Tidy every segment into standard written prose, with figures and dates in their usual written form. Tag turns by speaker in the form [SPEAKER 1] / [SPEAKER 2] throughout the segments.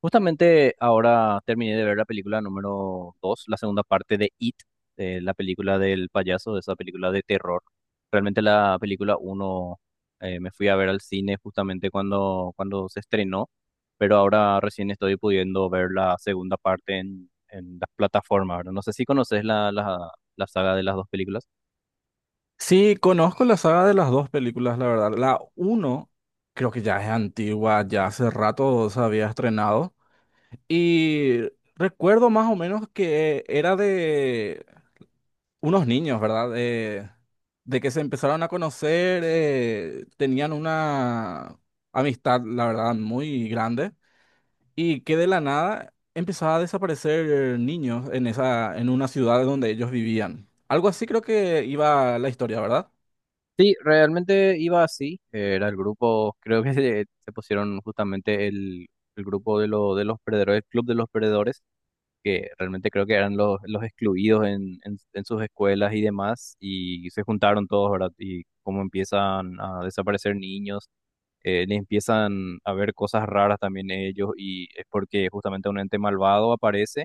[SPEAKER 1] Justamente ahora terminé de ver la película número dos, la segunda parte de It, la película del payaso, esa película de terror. Realmente la película uno me fui a ver al cine justamente cuando se estrenó, pero ahora recién estoy pudiendo ver la segunda parte en las plataformas, ¿verdad? No sé si conoces la saga de las dos películas.
[SPEAKER 2] Sí, conozco la saga de las dos películas, la verdad. La uno creo que ya es antigua, ya hace rato se había estrenado. Y recuerdo más o menos que era de unos niños, ¿verdad? De que se empezaron a conocer, tenían una amistad, la verdad, muy grande. Y que de la nada empezaba a desaparecer niños en esa, en una ciudad donde ellos vivían. Algo así creo que iba la historia, ¿verdad?
[SPEAKER 1] Sí, realmente iba así, era el grupo, creo que se pusieron justamente el grupo de los perdedores, el club de los perdedores que realmente creo que eran los excluidos en sus escuelas y demás, y se juntaron todos, ¿verdad? Y cómo empiezan a desaparecer niños, les empiezan a ver cosas raras también ellos, y es porque justamente un ente malvado aparece,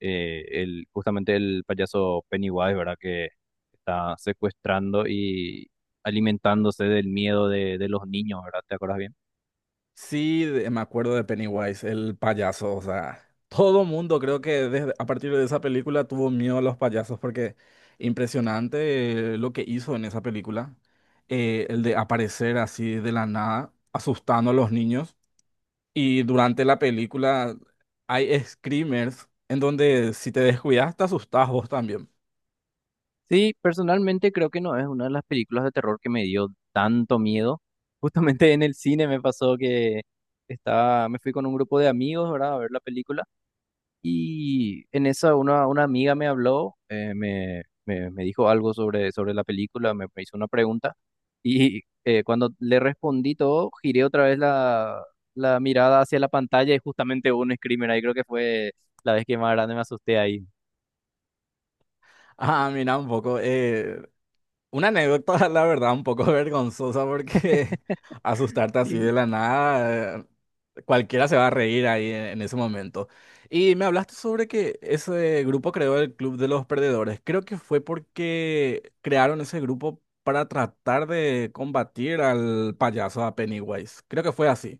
[SPEAKER 1] justamente el payaso Pennywise, ¿verdad? Que está secuestrando y alimentándose del miedo de los niños, ¿verdad? ¿Te acuerdas bien?
[SPEAKER 2] Sí, me acuerdo de Pennywise, el payaso, o sea, todo mundo creo que desde, a partir de esa película tuvo miedo a los payasos porque impresionante lo que hizo en esa película, el de aparecer así de la nada, asustando a los niños. Y durante la película hay screamers en donde si te descuidas te asustás vos también.
[SPEAKER 1] Sí, personalmente creo que no es una de las películas de terror que me dio tanto miedo. Justamente en el cine me pasó que estaba, me fui con un grupo de amigos, ¿verdad? A ver la película. Y en esa una amiga me habló, me dijo algo sobre la película, me hizo una pregunta. Y cuando le respondí todo, giré otra vez la mirada hacia la pantalla y justamente hubo un screamer ahí. Creo que fue la vez que más grande me asusté ahí.
[SPEAKER 2] Ah, mira un poco. Una anécdota, la verdad, un poco vergonzosa porque asustarte así de la nada, cualquiera se va a reír ahí en ese momento. Y me hablaste sobre que ese grupo creó el Club de los Perdedores. Creo que fue porque crearon ese grupo para tratar de combatir al payaso, a Pennywise. Creo que fue así.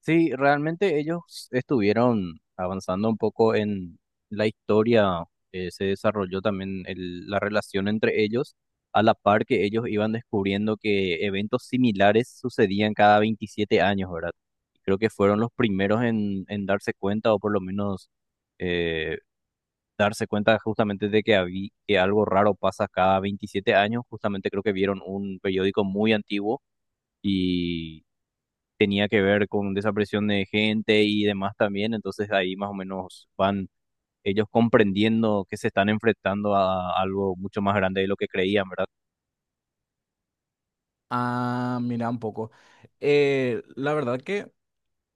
[SPEAKER 1] Sí, realmente ellos estuvieron avanzando un poco en la historia, se desarrolló también la relación entre ellos, a la par que ellos iban descubriendo que eventos similares sucedían cada 27 años, ¿verdad? Creo que fueron los primeros en darse cuenta, o por lo menos eh, darse cuenta justamente que algo raro pasa cada 27 años. Justamente creo que vieron un periódico muy antiguo, tenía que ver con desaparición de gente y demás también, entonces ahí más o menos van ellos comprendiendo que se están enfrentando a algo mucho más grande de lo que creían, ¿verdad?
[SPEAKER 2] Ah, mira un poco. La verdad que...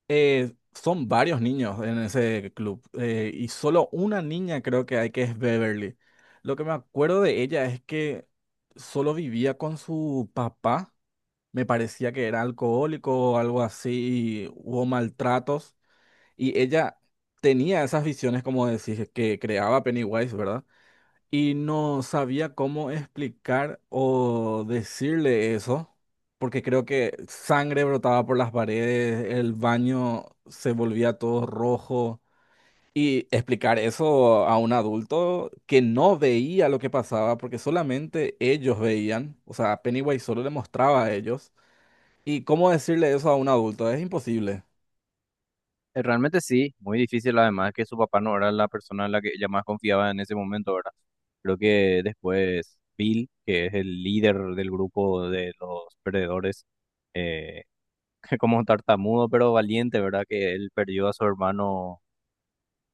[SPEAKER 2] Son varios niños en ese club y solo una niña creo que hay que es Beverly. Lo que me acuerdo de ella es que solo vivía con su papá, me parecía que era alcohólico o algo así, y hubo maltratos y ella tenía esas visiones como decís que creaba Pennywise, ¿verdad? Y no sabía cómo explicar o decirle eso, porque creo que sangre brotaba por las paredes, el baño se volvía todo rojo. Y explicar eso a un adulto que no veía lo que pasaba, porque solamente ellos veían, o sea, Pennywise solo le mostraba a ellos. ¿Y cómo decirle eso a un adulto? Es imposible.
[SPEAKER 1] Realmente sí, muy difícil, además que su papá no era la persona en la que ella más confiaba en ese momento, ¿verdad? Creo que después Bill, que es el líder del grupo de los perdedores, eh, como tartamudo pero valiente, ¿verdad? Que él perdió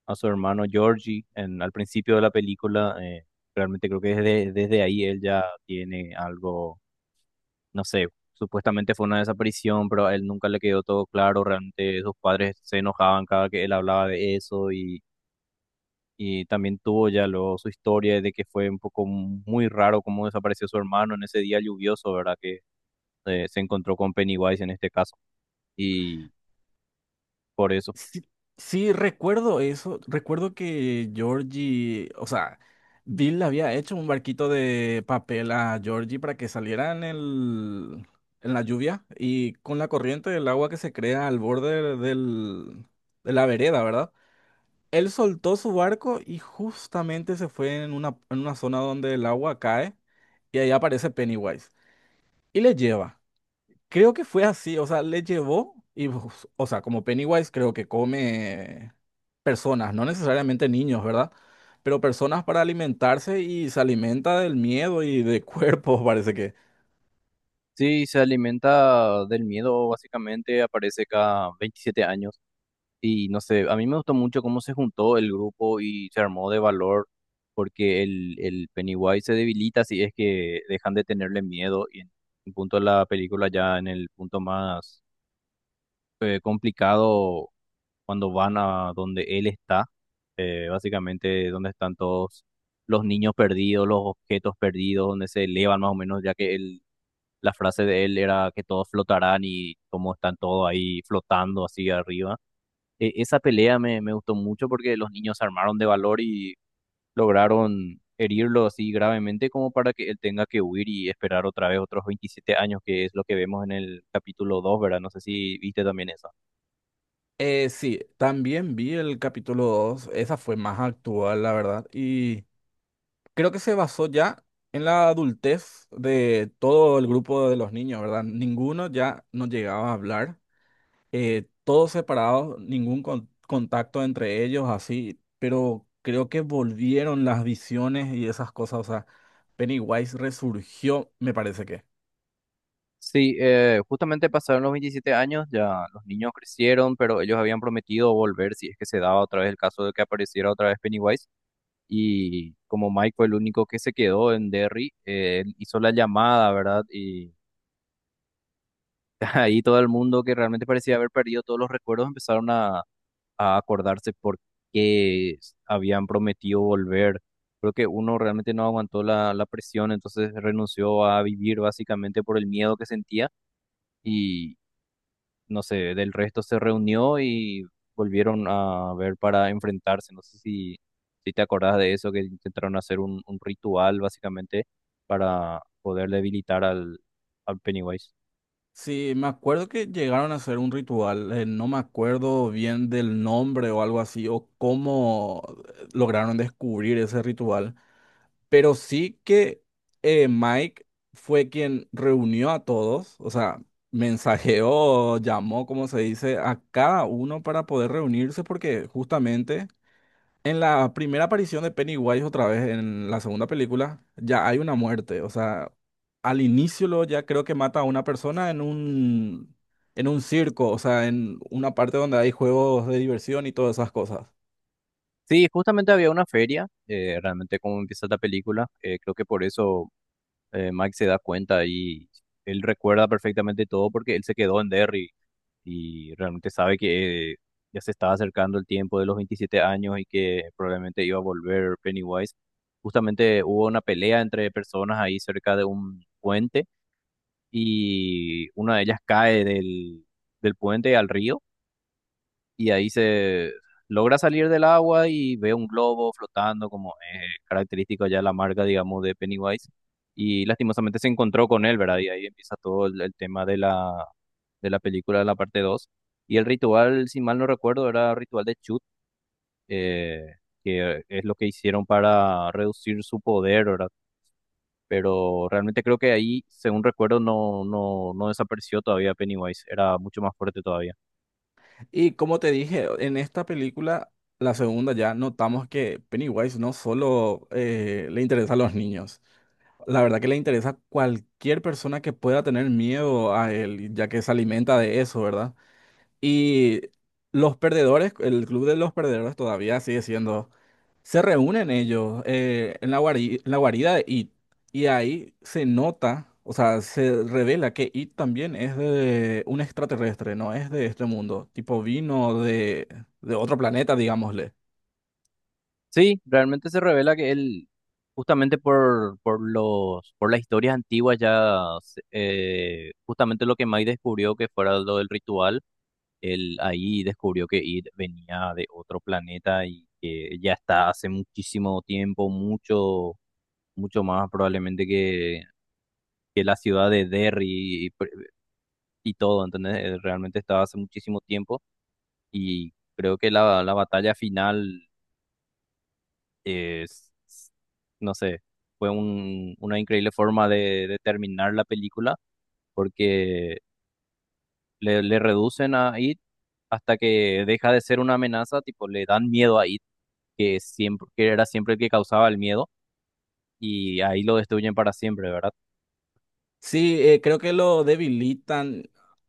[SPEAKER 1] a su hermano Georgie en, al principio de la película. Realmente creo que desde ahí él ya tiene algo, no sé, supuestamente fue una desaparición, pero a él nunca le quedó todo claro. Realmente sus padres se enojaban cada que él hablaba de eso, y también tuvo ya luego su historia de que fue un poco muy raro cómo desapareció su hermano en ese día lluvioso, ¿verdad? Que se encontró con Pennywise en este caso. Y por eso.
[SPEAKER 2] Sí, sí, recuerdo eso. Recuerdo que Georgie, o sea, Bill le había hecho un barquito de papel a Georgie para que saliera en el, en la lluvia y con la corriente del agua que se crea al borde del, de la vereda, ¿verdad? Él soltó su barco y justamente se fue en una zona donde el agua cae y ahí aparece Pennywise y le lleva. Creo que fue así, o sea, le llevó y, pues, o sea, como Pennywise creo que come personas, no necesariamente niños, ¿verdad? Pero personas para alimentarse y se alimenta del miedo y de cuerpos, parece que.
[SPEAKER 1] Sí, se alimenta del miedo, básicamente aparece cada 27 años. Y no sé, a mí me gustó mucho cómo se juntó el grupo y se armó de valor, porque el Pennywise se debilita si es que dejan de tenerle miedo. Y en un punto de la película, ya en el punto más complicado, cuando van a donde él está, básicamente donde están todos los niños perdidos, los objetos perdidos, donde se elevan más o menos, ya que él, la frase de él era que todos flotarán, y cómo están todos ahí flotando así arriba, esa pelea me gustó mucho porque los niños se armaron de valor y lograron herirlo así gravemente como para que él tenga que huir y esperar otra vez otros 27 años, que es lo que vemos en el capítulo dos, ¿verdad? No sé si viste también eso.
[SPEAKER 2] Sí, también vi el capítulo 2, esa fue más actual, la verdad, y creo que se basó ya en la adultez de todo el grupo de los niños, ¿verdad? Ninguno ya no llegaba a hablar. Todos separados, contacto entre ellos, así, pero creo que volvieron las visiones y esas cosas, o sea, Pennywise resurgió, me parece que.
[SPEAKER 1] Sí, justamente pasaron los 27 años, ya los niños crecieron, pero ellos habían prometido volver si es que se daba otra vez el caso de que apareciera otra vez Pennywise. Y como Mike fue el único que se quedó en Derry, él hizo la llamada, ¿verdad? Y ahí todo el mundo que realmente parecía haber perdido todos los recuerdos empezaron a acordarse por qué habían prometido volver. Creo que uno realmente no aguantó la presión, entonces renunció a vivir básicamente por el miedo que sentía, y no sé, del resto se reunió y volvieron a ver para enfrentarse. No sé si te acordás de eso, que intentaron hacer un ritual básicamente para poder debilitar al Pennywise.
[SPEAKER 2] Sí, me acuerdo que llegaron a hacer un ritual, no me acuerdo bien del nombre o algo así, o cómo lograron descubrir ese ritual. Pero sí que Mike fue quien reunió a todos, o sea, mensajeó, llamó, como se dice, a cada uno para poder reunirse, porque justamente en la primera aparición de Pennywise, otra vez en la segunda película, ya hay una muerte, o sea, al inicio lo ya creo que mata a una persona en un circo, o sea, en una parte donde hay juegos de diversión y todas esas cosas.
[SPEAKER 1] Sí, justamente había una feria, realmente como empieza la película, creo que por eso Mike se da cuenta, y él recuerda perfectamente todo porque él se quedó en Derry y realmente sabe que ya se estaba acercando el tiempo de los 27 años y que probablemente iba a volver Pennywise. Justamente hubo una pelea entre personas ahí cerca de un puente, y una de ellas cae del puente al río, y ahí se logra salir del agua y ve un globo flotando, como es característico ya la marca, digamos, de Pennywise. Y lastimosamente se encontró con él, ¿verdad? Y ahí empieza todo el tema de la película, de la parte dos. Y el ritual, si mal no recuerdo, era ritual de Chut, eh, que es lo que hicieron para reducir su poder, ¿verdad? Pero realmente creo que ahí, según recuerdo, no desapareció todavía Pennywise, era mucho más fuerte todavía.
[SPEAKER 2] Y como te dije, en esta película, la segunda ya, notamos que Pennywise no solo le interesa a los niños, la verdad que le interesa a cualquier persona que pueda tener miedo a él, ya que se alimenta de eso, ¿verdad? Y los perdedores, el club de los perdedores todavía sigue siendo se reúnen ellos en la en la guarida de It y ahí se nota, o sea, se revela que It también es de un extraterrestre, no es de este mundo, tipo vino de otro planeta, digámosle.
[SPEAKER 1] Sí, realmente se revela que él, justamente por las historias antiguas ya, justamente lo que Mike descubrió que fuera lo del ritual, él ahí descubrió que Id venía de otro planeta y que ya está hace muchísimo tiempo, mucho, mucho más probablemente que la ciudad de Derry y todo, ¿entendés? Realmente estaba hace muchísimo tiempo. Y creo que la batalla final es, no sé, fue una increíble forma de terminar la película, porque le reducen a It hasta que deja de ser una amenaza, tipo le dan miedo a It, que siempre, que era siempre el que causaba el miedo, y ahí lo destruyen para siempre, ¿verdad?
[SPEAKER 2] Sí, creo que lo debilitan,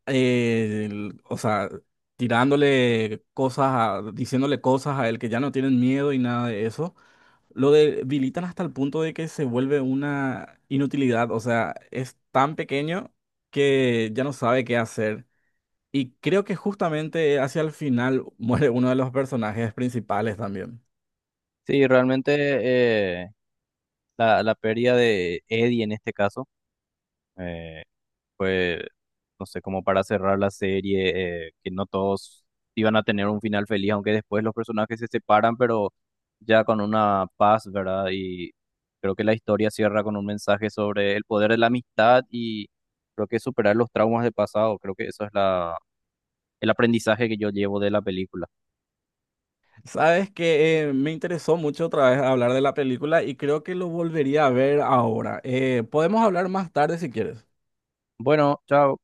[SPEAKER 2] el- o sea, tirándole cosas, a- diciéndole cosas a él que ya no tienen miedo y nada de eso. Lo debilitan hasta el punto de que se vuelve una inutilidad, o sea, es tan pequeño que ya no sabe qué hacer. Y creo que justamente hacia el final muere uno de los personajes principales también.
[SPEAKER 1] Sí, realmente eh, la pérdida de Eddie en este caso. eh, pues, no sé, como para cerrar la serie, que no todos iban a tener un final feliz, aunque después los personajes se separan, pero ya con una paz, ¿verdad? Y creo que la historia cierra con un mensaje sobre el poder de la amistad y creo que superar los traumas del pasado, creo que eso es el aprendizaje que yo llevo de la película.
[SPEAKER 2] Sabes que me interesó mucho otra vez hablar de la película y creo que lo volvería a ver ahora. Podemos hablar más tarde si quieres.
[SPEAKER 1] Bueno, chao.